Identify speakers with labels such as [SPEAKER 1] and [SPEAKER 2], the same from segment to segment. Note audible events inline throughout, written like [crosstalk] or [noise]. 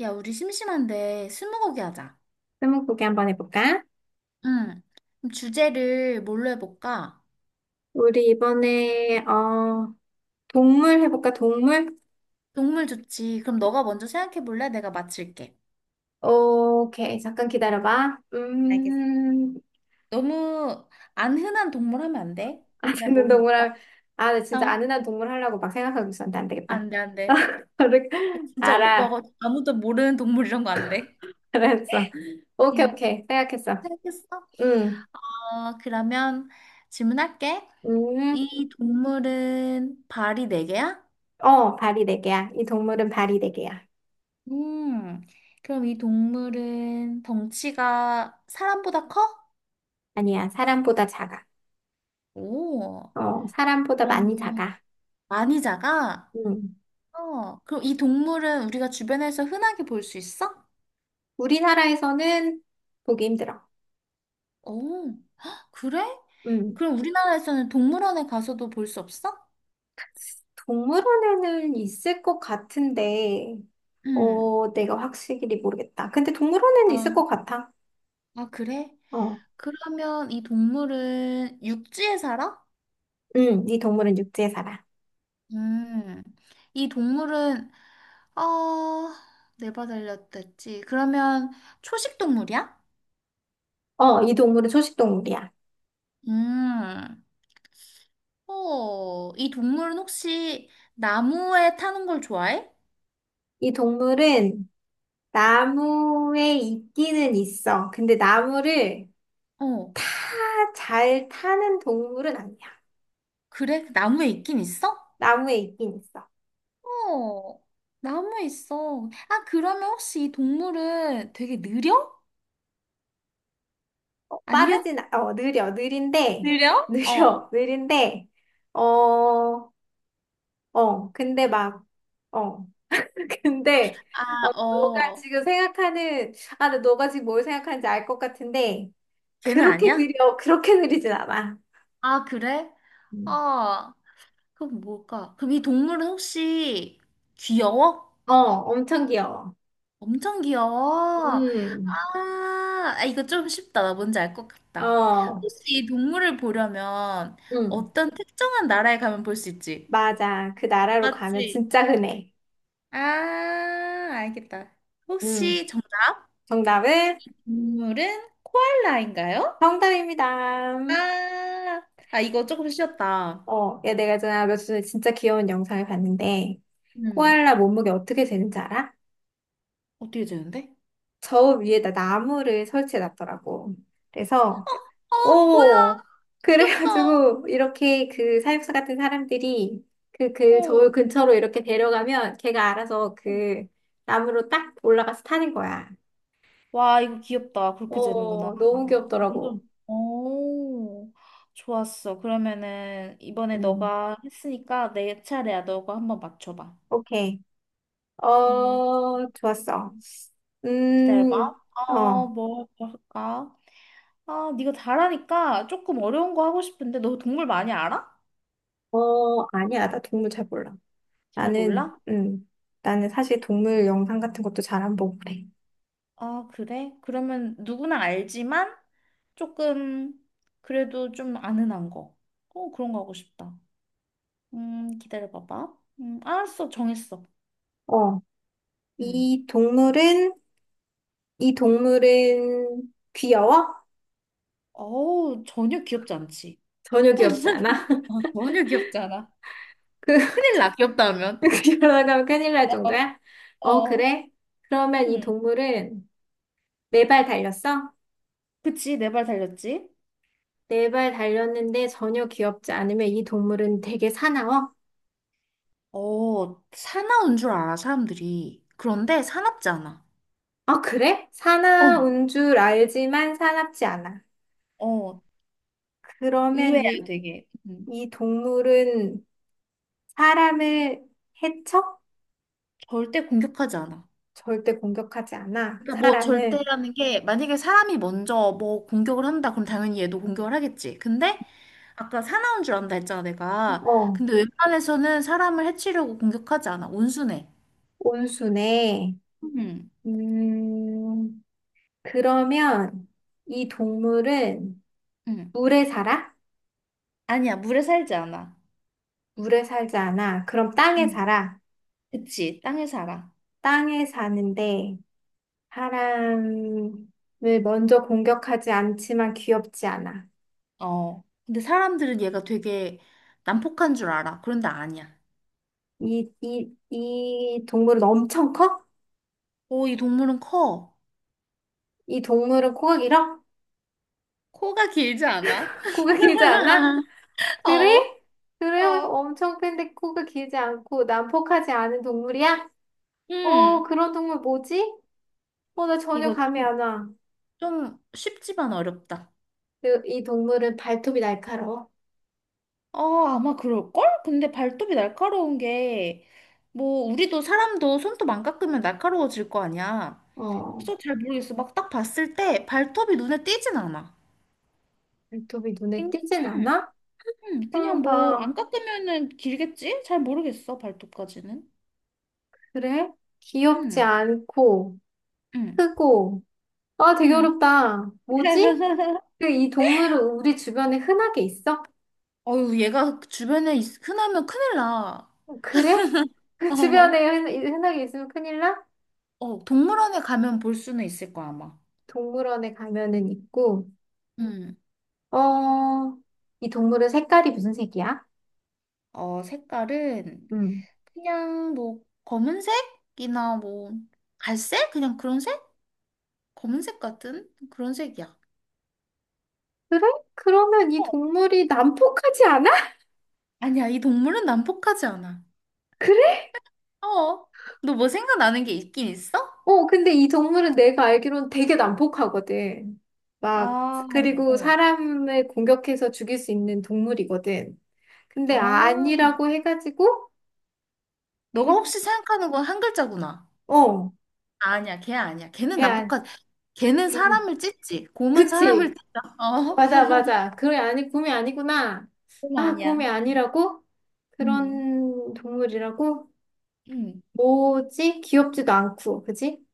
[SPEAKER 1] 야, 우리 심심한데 스무고개 하자.
[SPEAKER 2] 스무고개 한번 해볼까?
[SPEAKER 1] 응. 그럼 주제를 뭘로 해볼까?
[SPEAKER 2] 우리 이번에 동물 해볼까? 동물?
[SPEAKER 1] 동물 좋지. 그럼 너가 먼저 생각해 볼래? 내가 맞힐게.
[SPEAKER 2] 오케이 잠깐 기다려봐.
[SPEAKER 1] 알겠어. 너무 안 흔한 동물 하면 안 돼? 나
[SPEAKER 2] 아는 동물
[SPEAKER 1] 모르니까.
[SPEAKER 2] 할- 아, 나 진짜
[SPEAKER 1] 어,
[SPEAKER 2] 아는 한 동물 하려고 막 생각하고 있었는데 안 되겠다.
[SPEAKER 1] 안 돼, 안 돼.
[SPEAKER 2] [laughs]
[SPEAKER 1] 진짜
[SPEAKER 2] 알아
[SPEAKER 1] 오빠가 아무도 모르는 동물 이런 거 안 돼.
[SPEAKER 2] 알았어. 오케이
[SPEAKER 1] 응.
[SPEAKER 2] 오케이 생각했어.
[SPEAKER 1] 생각했어?
[SPEAKER 2] 음
[SPEAKER 1] 어, 그러면 질문할게.
[SPEAKER 2] 음
[SPEAKER 1] 이 동물은 발이 네 개야?
[SPEAKER 2] 어 발이 네 개야. 이 동물은 발이 네 개야.
[SPEAKER 1] 음. 그럼 이 동물은 덩치가 사람보다 커?
[SPEAKER 2] 아니야 사람보다 작아.
[SPEAKER 1] 오,
[SPEAKER 2] 어 사람보다 많이
[SPEAKER 1] 그러면
[SPEAKER 2] 작아.
[SPEAKER 1] 많이 작아?
[SPEAKER 2] 음
[SPEAKER 1] 어, 그럼 이 동물은 우리가 주변에서 흔하게 볼 수 있어?
[SPEAKER 2] 우리나라에서는 보기 힘들어.
[SPEAKER 1] 오, 헉, 그래?
[SPEAKER 2] 응.
[SPEAKER 1] 그럼 우리나라에서는 동물원에 가서도 볼 수 없어?
[SPEAKER 2] 동물원에는 있을 것 같은데,
[SPEAKER 1] 응.
[SPEAKER 2] 어, 내가 확실히 모르겠다. 근데 동물원에는 있을
[SPEAKER 1] 아,
[SPEAKER 2] 것 같아.
[SPEAKER 1] 아, 그래?
[SPEAKER 2] 어,
[SPEAKER 1] 그러면 이 동물은 육지에 살아?
[SPEAKER 2] 응, 이 동물은 육지에 살아.
[SPEAKER 1] 음, 이 동물은, 어, 내바 달렸댔지. 그러면 초식 동물이야?
[SPEAKER 2] 어, 이 동물은 초식동물이야.
[SPEAKER 1] 음. 어, 이 동물은 혹시 나무에 타는 걸 좋아해?
[SPEAKER 2] 이 동물은 나무에 있기는 있어. 근데 나무를
[SPEAKER 1] 어,
[SPEAKER 2] 타, 잘 타는 동물은 아니야.
[SPEAKER 1] 그래? 나무에 있긴 있어?
[SPEAKER 2] 나무에 있긴 있어.
[SPEAKER 1] 어, 나무에 있어. 아, 그러면 혹시 이 동물은 되게 느려?
[SPEAKER 2] 어,
[SPEAKER 1] 아니야?
[SPEAKER 2] 빠르진, 않- 어, 느려, 느린데, [laughs]
[SPEAKER 1] 느려? 어.
[SPEAKER 2] 느려, 느린데, 어, 어, 근데 막, 어. 근데
[SPEAKER 1] 아,
[SPEAKER 2] 어, 너가
[SPEAKER 1] 어,
[SPEAKER 2] 지금 생각하는 아, 근데 너가 지금 뭘 생각하는지 알 것 같은데
[SPEAKER 1] 걔는
[SPEAKER 2] 그렇게
[SPEAKER 1] 아니야?
[SPEAKER 2] 느려 그렇게 느리진 않아.
[SPEAKER 1] 아, 그래?
[SPEAKER 2] 음.
[SPEAKER 1] 아, 그럼 뭘까? 그럼 이 동물은 혹시 귀여워?
[SPEAKER 2] 어, 엄청 귀여워.
[SPEAKER 1] 엄청 귀여워.
[SPEAKER 2] 음,
[SPEAKER 1] 아, 아, 이거 좀 쉽다. 나 뭔지 알 것 같다.
[SPEAKER 2] 어,
[SPEAKER 1] 혹시 이 동물을 보려면
[SPEAKER 2] 음,
[SPEAKER 1] 어떤 특정한 나라에 가면 볼 수 있지?
[SPEAKER 2] 맞아. 그 나라로 가면
[SPEAKER 1] 맞지?
[SPEAKER 2] 진짜 흔해.
[SPEAKER 1] 아, 알겠다.
[SPEAKER 2] 음,
[SPEAKER 1] 혹시 정답
[SPEAKER 2] 정답은
[SPEAKER 1] 동물은 코알라인가요?
[SPEAKER 2] 정답입니다.
[SPEAKER 1] 아, 아, 이거 조금 쉬웠다.
[SPEAKER 2] 어, 야, 내가 전에 며칠 전에 진짜 귀여운 영상을 봤는데
[SPEAKER 1] 음.
[SPEAKER 2] 코알라 몸무게 어떻게 되는지 알아?
[SPEAKER 1] 어떻게 되는데?
[SPEAKER 2] 저 위에다 나무를 설치해 놨더라고. 그래서
[SPEAKER 1] 어, 뭐야?
[SPEAKER 2] 오,
[SPEAKER 1] 귀엽다.
[SPEAKER 2] 그래가지고, 이렇게 그 사육사 같은 사람들이 그, 그
[SPEAKER 1] 어.
[SPEAKER 2] 저울 근처로 이렇게 데려가면 걔가 알아서 그 나무로 딱 올라가서 타는 거야.
[SPEAKER 1] 와, 이거 귀엽다. 그렇게 되는구나.
[SPEAKER 2] 오, 너무
[SPEAKER 1] 완전,
[SPEAKER 2] 귀엽더라고.
[SPEAKER 1] 오, 좋았어. 그러면은 이번에
[SPEAKER 2] 음,
[SPEAKER 1] 너가 했으니까 내 차례야. 너가 한번 맞춰봐.
[SPEAKER 2] 오케이.
[SPEAKER 1] 음,
[SPEAKER 2] 어, 좋았어.
[SPEAKER 1] 기다려봐.
[SPEAKER 2] 음,
[SPEAKER 1] 어,
[SPEAKER 2] 어,
[SPEAKER 1] 뭐 할까? 아, 네가 잘하니까 조금 어려운 거 하고 싶은데 너 동물 많이 알아?
[SPEAKER 2] 어, 아니야. 나 동물 잘 몰라.
[SPEAKER 1] 잘
[SPEAKER 2] 나는,
[SPEAKER 1] 몰라?
[SPEAKER 2] 나는 사실 동물 영상 같은 것도 잘 안 보고 그래.
[SPEAKER 1] 아, 그래? 그러면 누구나 알지만 조금 그래도 좀 아는 한 거. 어, 그런 거 하고 싶다. 기다려봐봐. 알았어. 정했어.
[SPEAKER 2] 어,
[SPEAKER 1] 음.
[SPEAKER 2] 이 동물은, 이 동물은 귀여워?
[SPEAKER 1] 어우, 전혀 귀엽지 않지.
[SPEAKER 2] 전혀 귀엽지 않아?
[SPEAKER 1] [laughs]
[SPEAKER 2] [laughs]
[SPEAKER 1] 어, 전혀 귀엽지 않아.
[SPEAKER 2] 그,
[SPEAKER 1] 큰일 나, 귀엽다 하면.
[SPEAKER 2] [laughs] 그러다가 큰일 날
[SPEAKER 1] 어,
[SPEAKER 2] 정도야? 어,
[SPEAKER 1] 어.
[SPEAKER 2] 그래? 그러면 이
[SPEAKER 1] 응.
[SPEAKER 2] 동물은 네 발 달렸어?
[SPEAKER 1] 그치, 내 발 달렸지?
[SPEAKER 2] 네 발 달렸는데 전혀 귀엽지 않으면 이 동물은 되게 사나워?
[SPEAKER 1] 어, 사나운 줄 알아, 사람들이. 그런데 사납지 않아.
[SPEAKER 2] 아, 그래?
[SPEAKER 1] 어,
[SPEAKER 2] 사나운 줄 알지만 사납지 않아.
[SPEAKER 1] 어. 의외야,
[SPEAKER 2] 그러면 이,
[SPEAKER 1] 되게. 음,
[SPEAKER 2] 이 동물은 사람을 해쳐?
[SPEAKER 1] 절대 공격하지 않아.
[SPEAKER 2] 절대 공격하지 않아.
[SPEAKER 1] 그러니까 뭐
[SPEAKER 2] 사람을.
[SPEAKER 1] 절대라는 게 만약에 사람이 먼저 뭐 공격을 한다 그럼 당연히 얘도 공격을 하겠지. 근데 아까 사나운 줄 안다 했잖아, 내가.
[SPEAKER 2] 어,
[SPEAKER 1] 근데 웬만해서는 사람을 해치려고 공격하지 않아. 온순해.
[SPEAKER 2] 온순해.
[SPEAKER 1] 응,
[SPEAKER 2] 음, 그러면 이 동물은
[SPEAKER 1] 응.
[SPEAKER 2] 물에 살아?
[SPEAKER 1] 아니야, 물에 살지 않아.
[SPEAKER 2] 물에 살지 않아. 그럼 땅에
[SPEAKER 1] 음.
[SPEAKER 2] 살아.
[SPEAKER 1] 그치, 땅에 살아.
[SPEAKER 2] 땅에 사는데 사람을 먼저 공격하지 않지만 귀엽지 않아.
[SPEAKER 1] 어. 근데 사람들은 얘가 되게 난폭한 줄 알아. 그런데 아니야.
[SPEAKER 2] 이 동물은 엄청 커?
[SPEAKER 1] 오, 이 동물은 커.
[SPEAKER 2] 이 동물은 코가 길어?
[SPEAKER 1] 코가 길지 않아?
[SPEAKER 2] [laughs] 코가 길지 않아?
[SPEAKER 1] [laughs] 어,
[SPEAKER 2] 그래? 그래요?
[SPEAKER 1] 어.
[SPEAKER 2] 엄청 큰데 코가 길지 않고 난폭하지 않은 동물이야? 어,
[SPEAKER 1] 응.
[SPEAKER 2] 그런 동물 뭐지? 어, 나 전혀
[SPEAKER 1] 이거
[SPEAKER 2] 감이
[SPEAKER 1] 좀,
[SPEAKER 2] 안 와.
[SPEAKER 1] 좀 쉽지만 어렵다.
[SPEAKER 2] 그, 이 동물은 발톱이 날카로워.
[SPEAKER 1] 어, 아마 그럴걸? 근데 발톱이 날카로운 게, 뭐, 우리도 사람도 손톱 안 깎으면 날카로워질 거 아니야.
[SPEAKER 2] 어,
[SPEAKER 1] 그래서 잘 모르겠어. 막 딱 봤을 때 발톱이 눈에 띄진 않아.
[SPEAKER 2] 발톱이 눈에
[SPEAKER 1] 응,
[SPEAKER 2] 띄진
[SPEAKER 1] 응,
[SPEAKER 2] 않아?
[SPEAKER 1] 응. 그냥
[SPEAKER 2] 그럼
[SPEAKER 1] 뭐 안
[SPEAKER 2] 봐.
[SPEAKER 1] 깎으면은 길겠지? 잘 모르겠어, 발톱까지는.
[SPEAKER 2] 그래? 귀엽지
[SPEAKER 1] 응,
[SPEAKER 2] 않고,
[SPEAKER 1] 응,
[SPEAKER 2] 크고. 아, 되게
[SPEAKER 1] 응.
[SPEAKER 2] 어렵다. 뭐지?
[SPEAKER 1] [laughs]
[SPEAKER 2] 그 이 동물은 우리 주변에 흔하게 있어?
[SPEAKER 1] 어유 얘가 주변에 있, 흔하면 큰일 나.
[SPEAKER 2] 그래? [laughs] 주변에
[SPEAKER 1] [laughs]
[SPEAKER 2] 흔- 흔하게 있으면 큰일 나?
[SPEAKER 1] 어, 어, 동물원에 가면 볼 수는 있을 거야, 아마.
[SPEAKER 2] 동물원에 가면은 있고,
[SPEAKER 1] 응.
[SPEAKER 2] 어, 이 동물은 색깔이 무슨 색이야?
[SPEAKER 1] 어, 색깔은
[SPEAKER 2] 음.
[SPEAKER 1] 그냥 뭐 검은색이나 뭐 갈색? 그냥 그런 색? 검은색 같은 그런 색이야.
[SPEAKER 2] 그래? 그러면 이
[SPEAKER 1] 어,
[SPEAKER 2] 동물이 난폭하지 않아?
[SPEAKER 1] 아니야, 이 동물은 난폭하지 않아.
[SPEAKER 2] [laughs]
[SPEAKER 1] 어, 너 뭐 생각나는 게 있긴 있어?
[SPEAKER 2] 어, 근데 이 동물은 내가 알기로는 되게 난폭하거든. 막,
[SPEAKER 1] 아,
[SPEAKER 2] 그리고
[SPEAKER 1] 어.
[SPEAKER 2] 사람을 공격해서 죽일 수 있는 동물이거든. 근데 아-
[SPEAKER 1] 아,
[SPEAKER 2] 아니라고 해가지고,
[SPEAKER 1] 너가
[SPEAKER 2] 그,
[SPEAKER 1] 혹시 생각하는 건 한 글자구나.
[SPEAKER 2] 어,
[SPEAKER 1] 아니야, 걔 아니야. 걔는
[SPEAKER 2] 걔, 안-
[SPEAKER 1] 남북한, 걔는
[SPEAKER 2] 걔는-
[SPEAKER 1] 사람을 찢지. 곰은 사람을
[SPEAKER 2] 그치.
[SPEAKER 1] 찢다. [laughs] 어,
[SPEAKER 2] 맞아, 맞아. 그래, 아니, 곰이 아니구나.
[SPEAKER 1] 곰
[SPEAKER 2] 아, 곰이
[SPEAKER 1] 아니야.
[SPEAKER 2] 아니라고?
[SPEAKER 1] 음,
[SPEAKER 2] 그런 동물이라고?
[SPEAKER 1] 음.
[SPEAKER 2] 뭐지? 귀엽지도 않고, 그지?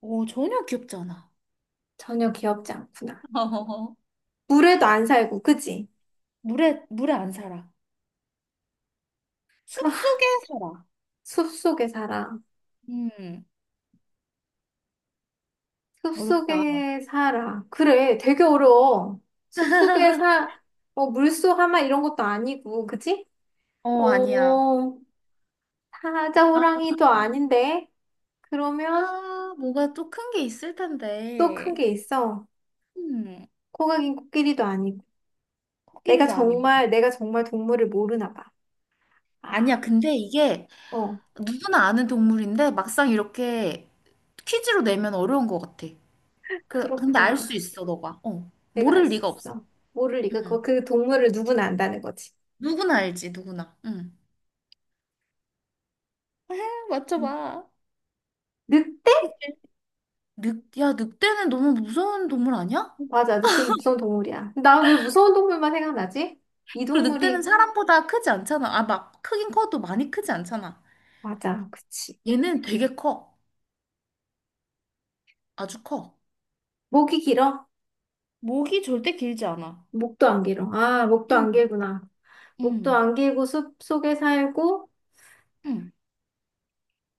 [SPEAKER 1] 오, 전혀 귀엽지 않아.
[SPEAKER 2] 전혀 귀엽지 않구나.
[SPEAKER 1] [laughs] 어.
[SPEAKER 2] 물에도 안 살고, 그지?
[SPEAKER 1] 물에 안 살아.
[SPEAKER 2] 그
[SPEAKER 1] 숲속에 살아.
[SPEAKER 2] 숲속에 살아.
[SPEAKER 1] 음, 어렵다.
[SPEAKER 2] 숲속에 살아. 그래, 되게 어려워. 숲속에
[SPEAKER 1] [laughs]
[SPEAKER 2] 사, 어, 물소 하마 이런 것도 아니고, 그치?
[SPEAKER 1] 어, 아니야.
[SPEAKER 2] 어, 사자
[SPEAKER 1] 아,
[SPEAKER 2] 호랑이도 아닌데? 그러면
[SPEAKER 1] 아, 뭐가 또 큰 게 있을
[SPEAKER 2] 또 큰
[SPEAKER 1] 텐데.
[SPEAKER 2] 게 있어.
[SPEAKER 1] 음,
[SPEAKER 2] 코가 긴 코끼리도 아니고. 내가
[SPEAKER 1] 코끼리도 아니고.
[SPEAKER 2] 정말, 내가 정말 동물을 모르나 봐. 아,
[SPEAKER 1] 아니야, 근데 이게
[SPEAKER 2] 어,
[SPEAKER 1] 누구나 아는 동물인데 막상 이렇게 퀴즈로 내면 어려운 것 같아. 그, 근데 알
[SPEAKER 2] 그렇구나.
[SPEAKER 1] 수 있어, 너가. 어.
[SPEAKER 2] 내가 알
[SPEAKER 1] 모를
[SPEAKER 2] 수
[SPEAKER 1] 리가 없어.
[SPEAKER 2] 있어. 모를 리가, 그,
[SPEAKER 1] 응.
[SPEAKER 2] 그 동물을 누구나 안다는 거지.
[SPEAKER 1] 누구나 알지, 누구나. 응.
[SPEAKER 2] 음.
[SPEAKER 1] 맞춰봐.
[SPEAKER 2] 늑대?
[SPEAKER 1] 그치? 늑, 야, 늑대는 너무 무서운 동물 아니야?
[SPEAKER 2] 맞아, 늑대는 무서운 동물이야. 나 왜 무서운 동물만 생각나지? 이
[SPEAKER 1] 그리고 늑대는
[SPEAKER 2] 동물이
[SPEAKER 1] 사람보다 크지 않잖아. 아, 막, 크긴 커도 많이 크지 않잖아.
[SPEAKER 2] 맞아, 그치.
[SPEAKER 1] 얘는 되게 커. 아주 커.
[SPEAKER 2] 목이 길어?
[SPEAKER 1] 목이 절대 길지 않아.
[SPEAKER 2] 목도 안 길어. 아, 목도 안
[SPEAKER 1] 응,
[SPEAKER 2] 길구나. 목도
[SPEAKER 1] 응,
[SPEAKER 2] 안 길고 숲 속에 살고
[SPEAKER 1] 응,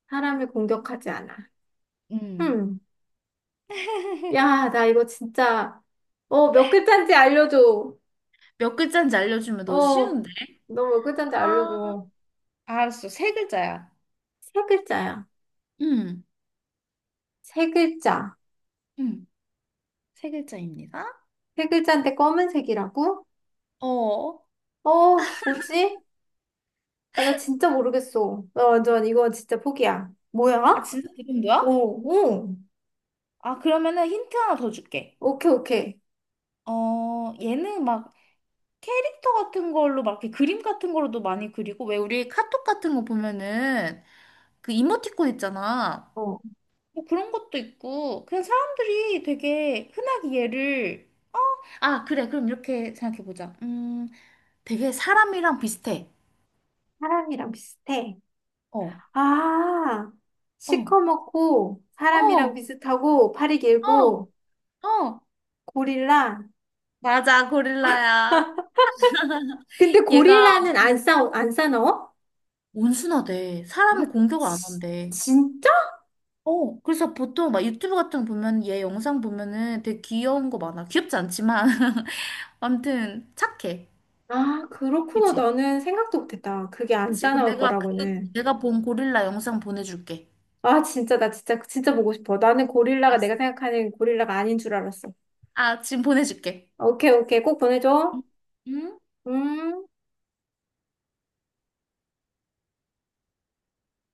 [SPEAKER 2] 사람을 공격하지 않아.
[SPEAKER 1] 응.
[SPEAKER 2] 음.
[SPEAKER 1] [laughs]
[SPEAKER 2] 야, 나 이거 진짜, 어, 몇 글자인지 알려줘.
[SPEAKER 1] 몇 글자인지 알려주면
[SPEAKER 2] 어,
[SPEAKER 1] 너 쉬운데?
[SPEAKER 2] 너 몇 글자인지
[SPEAKER 1] 아.
[SPEAKER 2] 알려줘.
[SPEAKER 1] 알았어. 세 글자야.
[SPEAKER 2] 세 글자야.
[SPEAKER 1] 음,
[SPEAKER 2] 세 글자.
[SPEAKER 1] 음, 세 글자입니다.
[SPEAKER 2] 세 글자인데 검은색이라고?
[SPEAKER 1] 어.
[SPEAKER 2] 어, 뭐지? 야, 나 진짜 모르겠어. 나 완전 이거 진짜 포기야. 뭐야?
[SPEAKER 1] 아, 진짜
[SPEAKER 2] 어,
[SPEAKER 1] 지금도야?
[SPEAKER 2] 어.
[SPEAKER 1] 아, 그러면은 힌트 하나 더 줄게.
[SPEAKER 2] 오케이, 오케이.
[SPEAKER 1] 어, 얘는 막 캐릭터 같은 걸로 막 이렇게 그림 같은 걸로도 많이 그리고 왜 우리 카톡 같은 거 보면은 그 이모티콘 있잖아.
[SPEAKER 2] 어,
[SPEAKER 1] 뭐 그런 것도 있고 그냥 사람들이 되게 흔하게 얘를 아, 그래. 그럼 이렇게 생각해 보자. 되게 사람이랑 비슷해.
[SPEAKER 2] 사람이랑 비슷해.
[SPEAKER 1] 어.
[SPEAKER 2] 아,
[SPEAKER 1] 어,
[SPEAKER 2] 시커멓고 사람이랑
[SPEAKER 1] 어,
[SPEAKER 2] 비슷하고 팔이
[SPEAKER 1] 어,
[SPEAKER 2] 길고
[SPEAKER 1] 어.
[SPEAKER 2] 고릴라.
[SPEAKER 1] 맞아, 고릴라야.
[SPEAKER 2] 근데
[SPEAKER 1] 얘가
[SPEAKER 2] 고릴라는 안 싸, 안 싸나워?
[SPEAKER 1] 온순하대.
[SPEAKER 2] 아,
[SPEAKER 1] 사람을 공격을 안
[SPEAKER 2] 치-
[SPEAKER 1] 한대.
[SPEAKER 2] 진짜?
[SPEAKER 1] 어, 그래서 보통 막 유튜브 같은 거 보면 얘 영상 보면은 되게 귀여운 거 많아. 귀엽지 않지만. [laughs] 아무튼 착해.
[SPEAKER 2] 아, 그렇구나.
[SPEAKER 1] 그치?
[SPEAKER 2] 나는 생각도 못했다. 그게 안
[SPEAKER 1] 그치. 그럼
[SPEAKER 2] 싸나울
[SPEAKER 1] 내가 그,
[SPEAKER 2] 거라고는.
[SPEAKER 1] 내가 본 고릴라 영상 보내줄게.
[SPEAKER 2] 아, 진짜, 나 진짜, 진짜 보고 싶어. 나는 고릴라가
[SPEAKER 1] 알았어.
[SPEAKER 2] 내가 생각하는 고릴라가 아닌 줄 알았어.
[SPEAKER 1] 아, 지금 보내줄게.
[SPEAKER 2] 오케이, 오케이. 꼭 보내줘.
[SPEAKER 1] 응? 응?
[SPEAKER 2] 음.